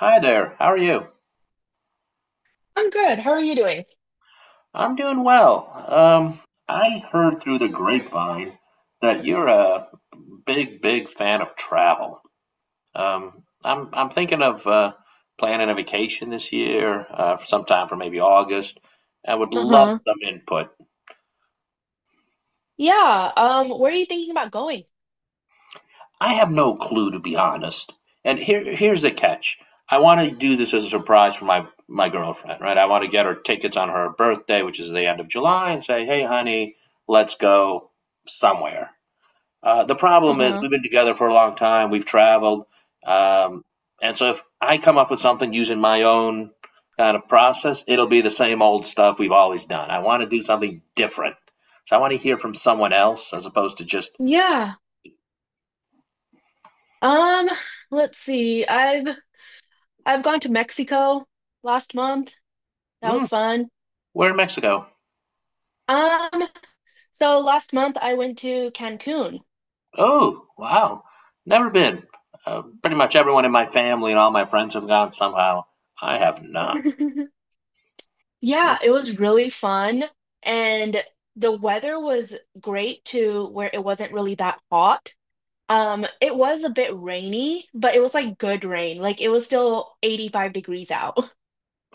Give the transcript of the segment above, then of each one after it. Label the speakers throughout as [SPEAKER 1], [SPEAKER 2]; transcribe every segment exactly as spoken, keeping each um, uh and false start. [SPEAKER 1] Hi there, how are you?
[SPEAKER 2] I'm good. How are you doing?
[SPEAKER 1] I'm doing well. Um, I heard through the grapevine that you're a big, big fan of travel. Um, I'm I'm thinking of uh, planning a vacation this year, uh, sometime for maybe August. I would love
[SPEAKER 2] Uh-huh.
[SPEAKER 1] some input.
[SPEAKER 2] Yeah. Um, where are you thinking about going?
[SPEAKER 1] I have no clue, to be honest. And here, here's the catch. I want to do this as a surprise for my my girlfriend, right? I want to get her tickets on her birthday, which is the end of July, and say, "Hey, honey, let's go somewhere." Uh, the problem is,
[SPEAKER 2] Uh-huh.
[SPEAKER 1] we've been together for a long time. We've traveled, um, and so if I come up with something using my own kind of process, it'll be the same old stuff we've always done. I want to do something different, so I want to hear from someone else as opposed to just.
[SPEAKER 2] Yeah. Um, let's see. I've I've gone to Mexico last month. That was
[SPEAKER 1] Mm.
[SPEAKER 2] fun.
[SPEAKER 1] "We're in Mexico."
[SPEAKER 2] Um, so last month I went to Cancun.
[SPEAKER 1] Oh, wow. Never been. Uh, pretty much everyone in my family and all my friends have gone somehow. I have not. Hmm.
[SPEAKER 2] Yeah, it was really fun and the weather was great too, where it wasn't really that hot. Um, it was a bit rainy, but it was like good rain. Like it was still eighty-five degrees out.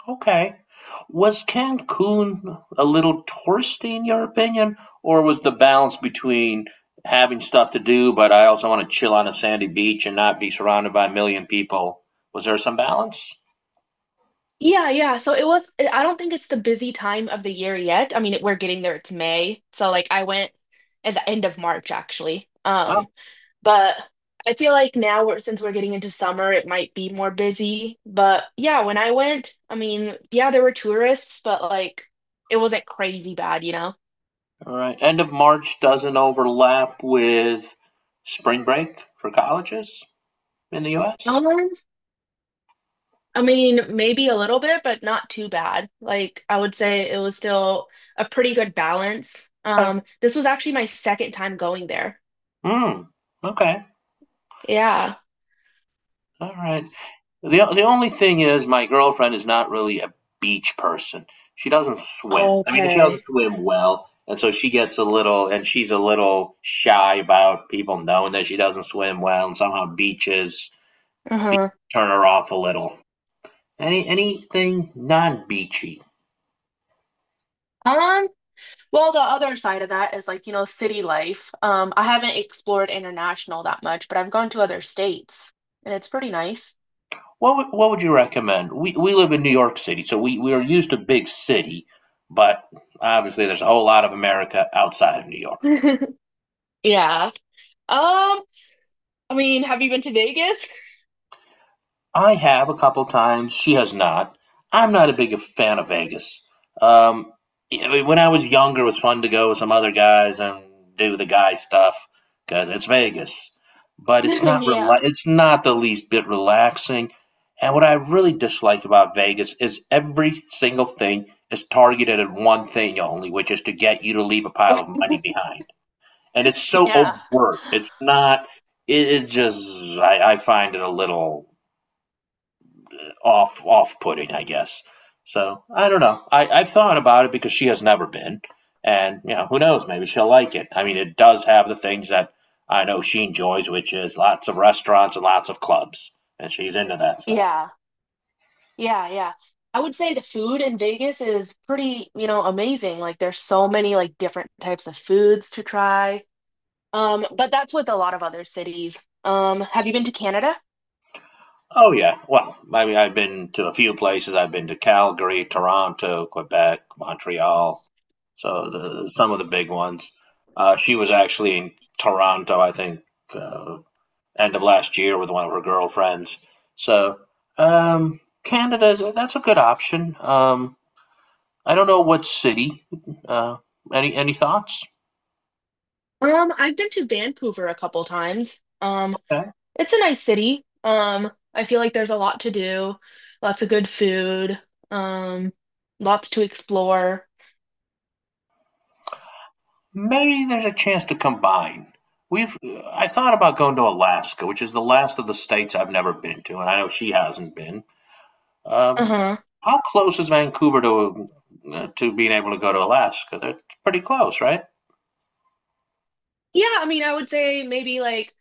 [SPEAKER 1] Okay. Was Cancun a little touristy in your opinion, or was the balance between having stuff to do, but I also want to chill on a sandy beach and not be surrounded by a million people? Was there some balance?
[SPEAKER 2] Yeah, yeah. So it was, eh, I don't think it's the busy time of the year yet. I mean, it, we're getting there. It's May. So like I went at the end of March actually.
[SPEAKER 1] Oh,
[SPEAKER 2] Um, but I feel like now we're, since we're getting into summer, it might be more busy. But yeah, when I went, I mean, yeah, there were tourists, but like it wasn't crazy bad, you know?
[SPEAKER 1] all right. End of March doesn't overlap with spring break for colleges in the U S.
[SPEAKER 2] Um, I mean, maybe a little bit, but not too bad. Like I would say it was still a pretty good balance.
[SPEAKER 1] Okay.
[SPEAKER 2] Um, this was actually my second time going there.
[SPEAKER 1] Mm, okay.
[SPEAKER 2] Yeah.
[SPEAKER 1] All right. The the only thing is my girlfriend is not really a beach person. She doesn't swim. I mean, she doesn't
[SPEAKER 2] Okay.
[SPEAKER 1] swim well, and so she gets a little and she's a little shy about people knowing that she doesn't swim well, and somehow beaches
[SPEAKER 2] Uh-huh.
[SPEAKER 1] turn her off a little. Any anything non-beachy.
[SPEAKER 2] Um, well, the other side of that is like, you know, city life. Um, I haven't explored international that much, but I've gone to other states and it's pretty nice.
[SPEAKER 1] What would, what would you recommend? We we live in New York City, so we we are used to big city, but obviously there's a whole lot of America outside of New York.
[SPEAKER 2] Yeah. Um, I mean, have you been to Vegas?
[SPEAKER 1] I have a couple times. She has not. I'm not a big fan of Vegas. Um, yeah, I mean, when I was younger, it was fun to go with some other guys and do the guy stuff because it's Vegas. But it's not rela-
[SPEAKER 2] Yeah.
[SPEAKER 1] it's not the least bit relaxing. And what I really dislike about Vegas is every single thing is targeted at one thing only, which is to get you to leave a pile of money behind. And it's so
[SPEAKER 2] Yeah.
[SPEAKER 1] overt. It's not. It, it just. I, I find it a little off off putting, I guess. So I don't know. I, I've thought about it because she has never been, and you know who knows? Maybe she'll like it. I mean, it does have the things that I know she enjoys, which is lots of restaurants and lots of clubs, and she's into that stuff.
[SPEAKER 2] Yeah. Yeah, yeah. I would say the food in Vegas is pretty, you know, amazing. Like there's so many like different types of foods to try. Um, but that's with a lot of other cities. Um, have you been to Canada?
[SPEAKER 1] Oh yeah. Well, I mean, I've been to a few places. I've been to Calgary, Toronto, Quebec, Montreal. So the some of the big ones. Uh, she was actually in Toronto, I think, uh, end of last year with one of her girlfriends. So um, Canada, that's a good option. Um, I don't know what city. Uh, any any thoughts?
[SPEAKER 2] Um, I've been to Vancouver a couple times. Um,
[SPEAKER 1] Okay.
[SPEAKER 2] it's a nice city. Um, I feel like there's a lot to do, lots of good food, um, lots to explore.
[SPEAKER 1] Maybe there's a chance to combine. We've I thought about going to Alaska, which is the last of the states I've never been to, and I know she hasn't been. Um,
[SPEAKER 2] Uh-huh.
[SPEAKER 1] how close is Vancouver to uh, to being able to go to Alaska? That's pretty close, right?
[SPEAKER 2] Yeah, I mean, I would say maybe like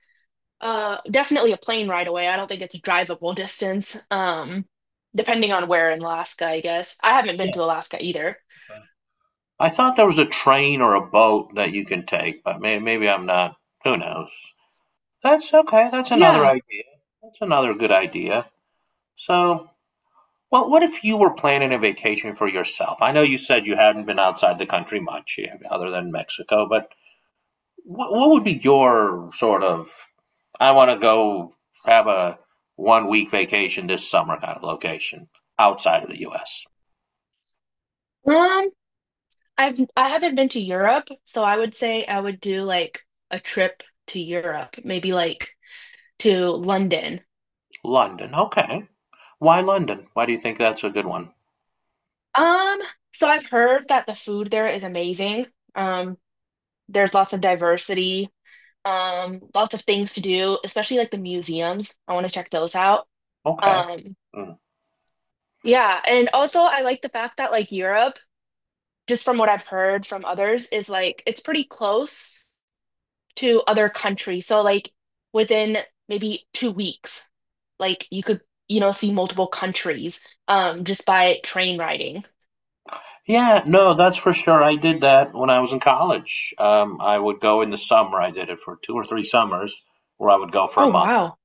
[SPEAKER 2] uh definitely a plane ride away. I don't think it's a drivable distance. Um, depending on where in Alaska, I guess. I haven't been to Alaska either.
[SPEAKER 1] I thought there was a train or a boat that you can take, but may, maybe I'm not. Who knows? That's okay. That's another
[SPEAKER 2] Yeah.
[SPEAKER 1] idea. That's another good idea. So, well, what if you were planning a vacation for yourself? I know you said you hadn't been outside the country much, yeah, other than Mexico, but what, what would be your sort of, I want to go have a one week vacation this summer kind of location outside of the U S?
[SPEAKER 2] Um, I've I haven't been to Europe, so I would say I would do like a trip to Europe, maybe like to London.
[SPEAKER 1] London. Okay. Why London? Why do you think that's a good one?
[SPEAKER 2] Um, so I've heard that the food there is amazing. Um, there's lots of diversity, um, lots of things to do, especially like the museums. I want to check those out.
[SPEAKER 1] Okay.
[SPEAKER 2] Um,
[SPEAKER 1] Mm.
[SPEAKER 2] yeah, and also I like the fact that like Europe, just from what I've heard from others, is like it's pretty close to other countries. So like within maybe two weeks, like you could, you know, see multiple countries um just by train riding.
[SPEAKER 1] Yeah, no, that's for sure. I did that when I was in college. Um, I would go in the summer. I did it for two or three summers, where I would go for a
[SPEAKER 2] Oh
[SPEAKER 1] month,
[SPEAKER 2] wow.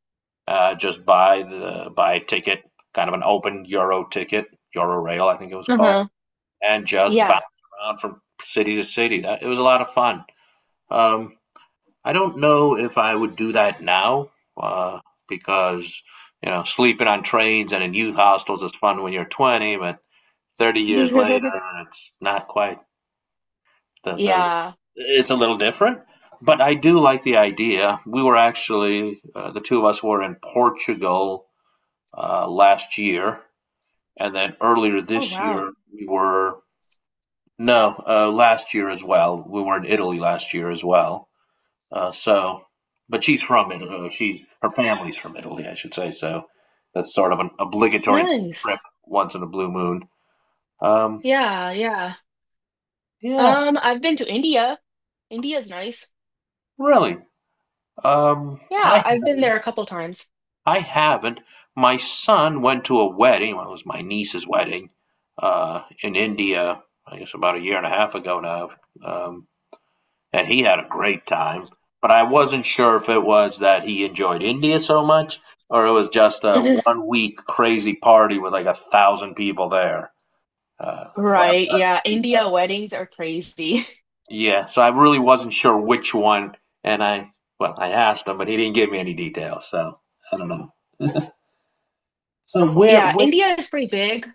[SPEAKER 1] uh, just buy the buy a ticket, kind of an open Euro ticket, Euro Rail, I think it was called,
[SPEAKER 2] Uh-huh.
[SPEAKER 1] and just bounce
[SPEAKER 2] Yeah.
[SPEAKER 1] around from city to city. That, it was a lot of fun. Um, I don't know if I would do that now, uh, because you know, sleeping on trains and in youth hostels is fun when you're twenty, but thirty years later, it's not quite. The, the
[SPEAKER 2] Yeah.
[SPEAKER 1] It's a little different, but I do like the idea. We were actually uh, the two of us were in Portugal uh, last year, and then earlier
[SPEAKER 2] Oh
[SPEAKER 1] this
[SPEAKER 2] wow.
[SPEAKER 1] year we were no, uh, last year as well we were in Italy last year as well, uh, so. But she's from Italy, uh, she's her family's from Italy I should say, so that's sort of an obligatory trip
[SPEAKER 2] Nice.
[SPEAKER 1] once in a blue moon. um,
[SPEAKER 2] Yeah, yeah.
[SPEAKER 1] yeah.
[SPEAKER 2] Um, I've been to India. India's nice.
[SPEAKER 1] Really? um, i
[SPEAKER 2] Yeah, I've been
[SPEAKER 1] haven't
[SPEAKER 2] there a couple times.
[SPEAKER 1] I haven't. My son went to a wedding, well, it was my niece's wedding, uh, in India, I guess about a year and a half ago now, um, and he had a great time. But I wasn't sure if it was that he enjoyed India so much or it was just a one week crazy party with like a thousand people there. Uh, well,
[SPEAKER 2] Right, yeah. India weddings are crazy.
[SPEAKER 1] yeah, so I really wasn't sure which one. And I, well, I asked him, but he didn't give me any details. So I don't know. So where,
[SPEAKER 2] Yeah,
[SPEAKER 1] where.
[SPEAKER 2] India is pretty big.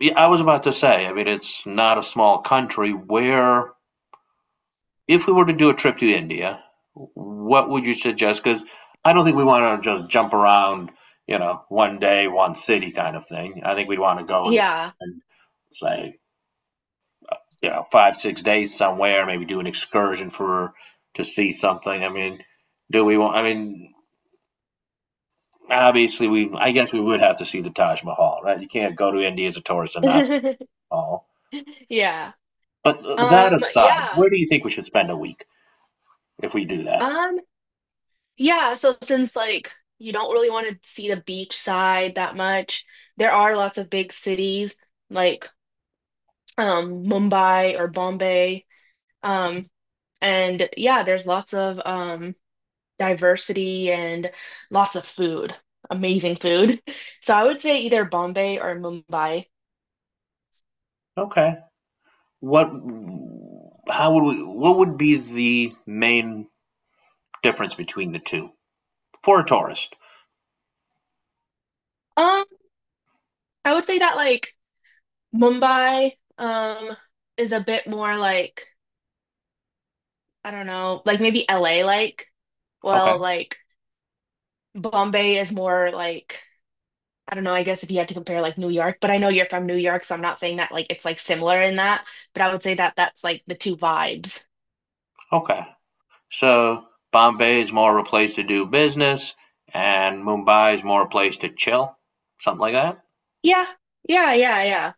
[SPEAKER 1] Yeah, I was about to say, I mean, it's not a small country. Where, if we were to do a trip to India, what would you suggest? Because I don't think we want to just jump around, you know, one day, one city kind of thing. I think we'd want to go and
[SPEAKER 2] Yeah.
[SPEAKER 1] spend, say, you know, five, six days somewhere, maybe do an excursion for to see something. I mean, do we want, I mean, obviously, we, I guess we would have to see the Taj Mahal, right? You can't go to India as a tourist and not see the Taj Mahal.
[SPEAKER 2] Yeah.
[SPEAKER 1] But uh, that
[SPEAKER 2] Um,
[SPEAKER 1] aside,
[SPEAKER 2] yeah.
[SPEAKER 1] where do you think we should spend a week if we do that?
[SPEAKER 2] Um, yeah, so since like you don't really want to see the beach side that much, there are lots of big cities like um Mumbai or Bombay. Um, and yeah, there's lots of um diversity and lots of food, amazing food. So I would say either Bombay or Mumbai.
[SPEAKER 1] Okay. What? How would we? What would be the main difference between the two for a tourist?
[SPEAKER 2] Um, I would say that like Mumbai um is a bit more like I don't know, like maybe L A like
[SPEAKER 1] Okay.
[SPEAKER 2] well like Bombay is more like, I don't know, I guess if you had to compare like New York, but I know you're from New York, so I'm not saying that like it's like similar in that, but I would say that that's like the two vibes.
[SPEAKER 1] Okay. So Bombay is more of a place to do business, and Mumbai is more a place to chill, something like that.
[SPEAKER 2] Yeah. Yeah, yeah,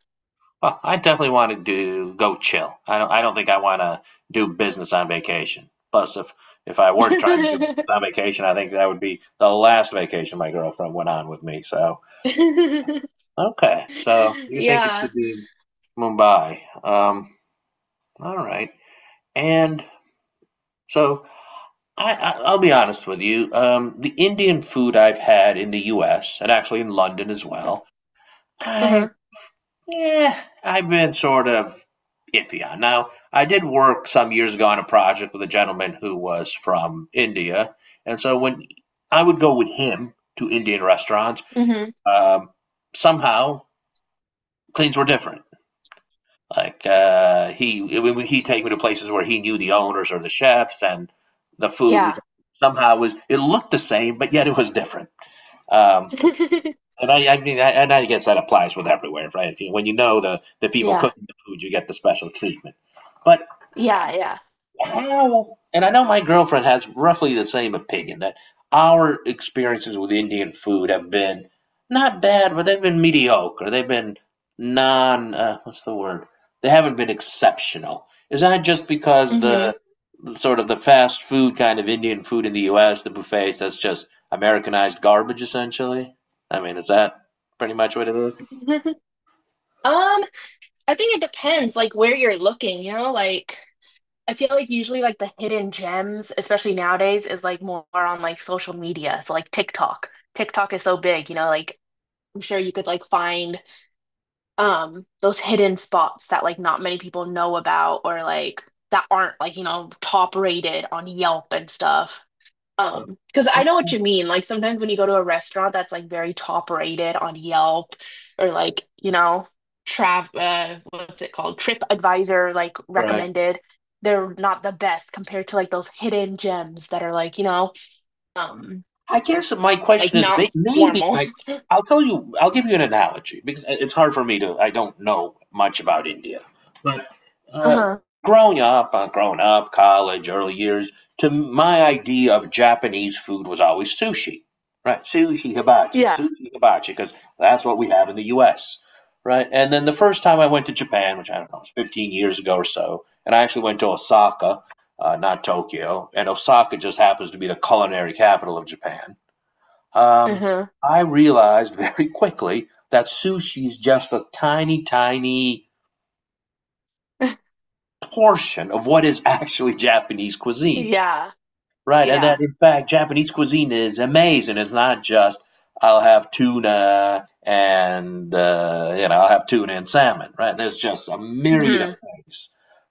[SPEAKER 1] Well, I definitely want to do go chill. I don't. I don't think I want to do business on vacation. Plus, if if I were trying to do business on vacation, I think that would be the last vacation my girlfriend went on with me. So
[SPEAKER 2] yeah.
[SPEAKER 1] okay. So you think it
[SPEAKER 2] Yeah.
[SPEAKER 1] should be Mumbai? Um. All right. And so I, I I'll be honest with you. Um. The Indian food I've had in the U S and actually in London as well. I
[SPEAKER 2] Uh-huh.
[SPEAKER 1] Yeah, I've been sort of iffy on. Now, I did work some years ago on a project with a gentleman who was from India, and so when I would go with him to Indian restaurants,
[SPEAKER 2] Hmm.
[SPEAKER 1] um, somehow things were different. Like uh, he, when he'd take me to places where he knew the owners or the chefs, and the food we
[SPEAKER 2] Yeah.
[SPEAKER 1] somehow was it looked the same, but yet it was different. Um, And I, I mean, I, and I guess that applies with everywhere, right? If you, when you know the, the people
[SPEAKER 2] Yeah.
[SPEAKER 1] cooking the food, you get the special treatment. But
[SPEAKER 2] Yeah, yeah.
[SPEAKER 1] how and I know my girlfriend has roughly the same opinion that our experiences with Indian food have been not bad, but they've been mediocre. They've been non uh, what's the word? They haven't been exceptional. Is that just because the
[SPEAKER 2] Hmm.
[SPEAKER 1] sort of the fast food kind of Indian food in the U S, the buffets, that's just Americanized garbage essentially? I mean, is that pretty much what it is?
[SPEAKER 2] Um, I think it depends like where you're looking, you know, like I feel like usually like the hidden gems, especially nowadays, is like more on like social media. So like TikTok. TikTok is so big, you know, like I'm sure you could like find um those hidden spots that like not many people know about or like that aren't like, you know, top rated on Yelp and stuff. Um, because I know
[SPEAKER 1] Oh,
[SPEAKER 2] what you mean. Like sometimes when you go to a restaurant that's like very top rated on Yelp or like, you know, Trav, uh, what's it called? Trip Advisor, like
[SPEAKER 1] right.
[SPEAKER 2] recommended, they're not the best compared to like those hidden gems that are like, you know, um,
[SPEAKER 1] I guess my
[SPEAKER 2] like
[SPEAKER 1] question is may-
[SPEAKER 2] not
[SPEAKER 1] maybe
[SPEAKER 2] formal.
[SPEAKER 1] like. I'll tell you I'll give you an analogy, because it's hard for me to. I don't know much about India, but uh,
[SPEAKER 2] Uh-huh.
[SPEAKER 1] growing up, uh, growing up, college, early years, to my idea of Japanese food was always sushi, right? Sushi hibachi,
[SPEAKER 2] Yeah.
[SPEAKER 1] sushi hibachi, because that's what we have in the U S. Right, and then the first time I went to Japan, which I don't know, was fifteen years ago or so, and I actually went to Osaka, uh, not Tokyo, and Osaka just happens to be the culinary capital of Japan. Um,
[SPEAKER 2] Uh-huh.
[SPEAKER 1] I realized very quickly that sushi is just a tiny, tiny portion of what is actually Japanese cuisine.
[SPEAKER 2] Yeah.
[SPEAKER 1] Right, and that
[SPEAKER 2] Yeah.
[SPEAKER 1] in fact Japanese cuisine is amazing. It's not just I'll have tuna and uh, you know, I'll have tuna and salmon. Right, there's just a myriad of
[SPEAKER 2] Mm-hmm.
[SPEAKER 1] things,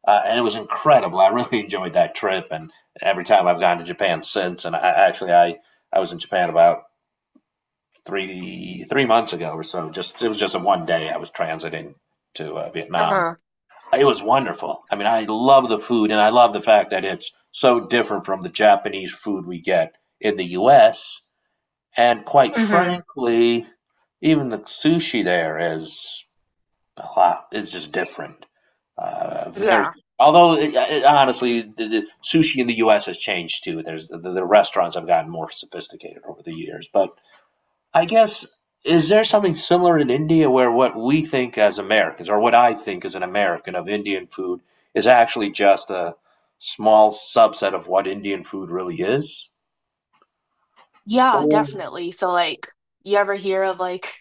[SPEAKER 1] uh, and it was incredible. I really enjoyed that trip, and every time I've gone to Japan since. And I actually I I was in Japan about three three months ago or so. Just it was just a one day I was transiting to uh, Vietnam.
[SPEAKER 2] Uh-huh.
[SPEAKER 1] It was wonderful. I mean, I love the food and I love the fact that it's so different from the Japanese food we get in the U S. And quite
[SPEAKER 2] Mm-hmm.
[SPEAKER 1] frankly, even the sushi there is a lot, it's just different. Uh, very,
[SPEAKER 2] Yeah.
[SPEAKER 1] although it, uh, it, honestly, the, the sushi in the U S has changed too. There's the, the restaurants have gotten more sophisticated over the years, but I guess is there something similar in India where what we think as Americans or what I think as an American of Indian food is actually just a small subset of what Indian food really is?
[SPEAKER 2] Yeah,
[SPEAKER 1] Or
[SPEAKER 2] definitely. So like you ever hear of like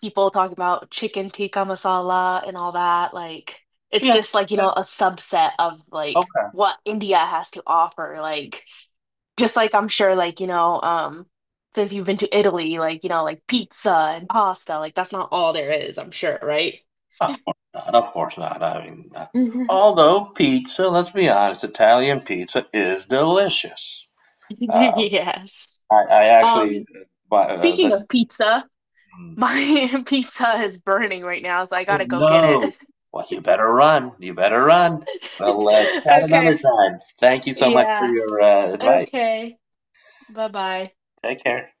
[SPEAKER 2] people talking about chicken tikka masala and all that? Like it's
[SPEAKER 1] yeah,
[SPEAKER 2] just like, you know, a subset of like
[SPEAKER 1] okay.
[SPEAKER 2] what India has to offer. Like just like I'm sure like, you know, um since you've been to Italy, like, you know, like pizza and pasta, like that's not all there is, I'm sure, right?
[SPEAKER 1] Of course not. Of course not. I mean, uh,
[SPEAKER 2] Mhm.
[SPEAKER 1] although pizza, let's be honest, Italian pizza is delicious. Um,
[SPEAKER 2] Yes.
[SPEAKER 1] I, I actually,
[SPEAKER 2] Um,
[SPEAKER 1] uh, bu- uh,
[SPEAKER 2] Speaking
[SPEAKER 1] the,
[SPEAKER 2] of pizza,
[SPEAKER 1] mm,
[SPEAKER 2] my pizza is burning right now, so I
[SPEAKER 1] Oh
[SPEAKER 2] gotta go get it.
[SPEAKER 1] no. Well, you better run. You better run. We'll uh, chat
[SPEAKER 2] Okay.
[SPEAKER 1] another time. Thank you so much for
[SPEAKER 2] Yeah.
[SPEAKER 1] your uh, advice.
[SPEAKER 2] Okay. Bye bye.
[SPEAKER 1] Take care.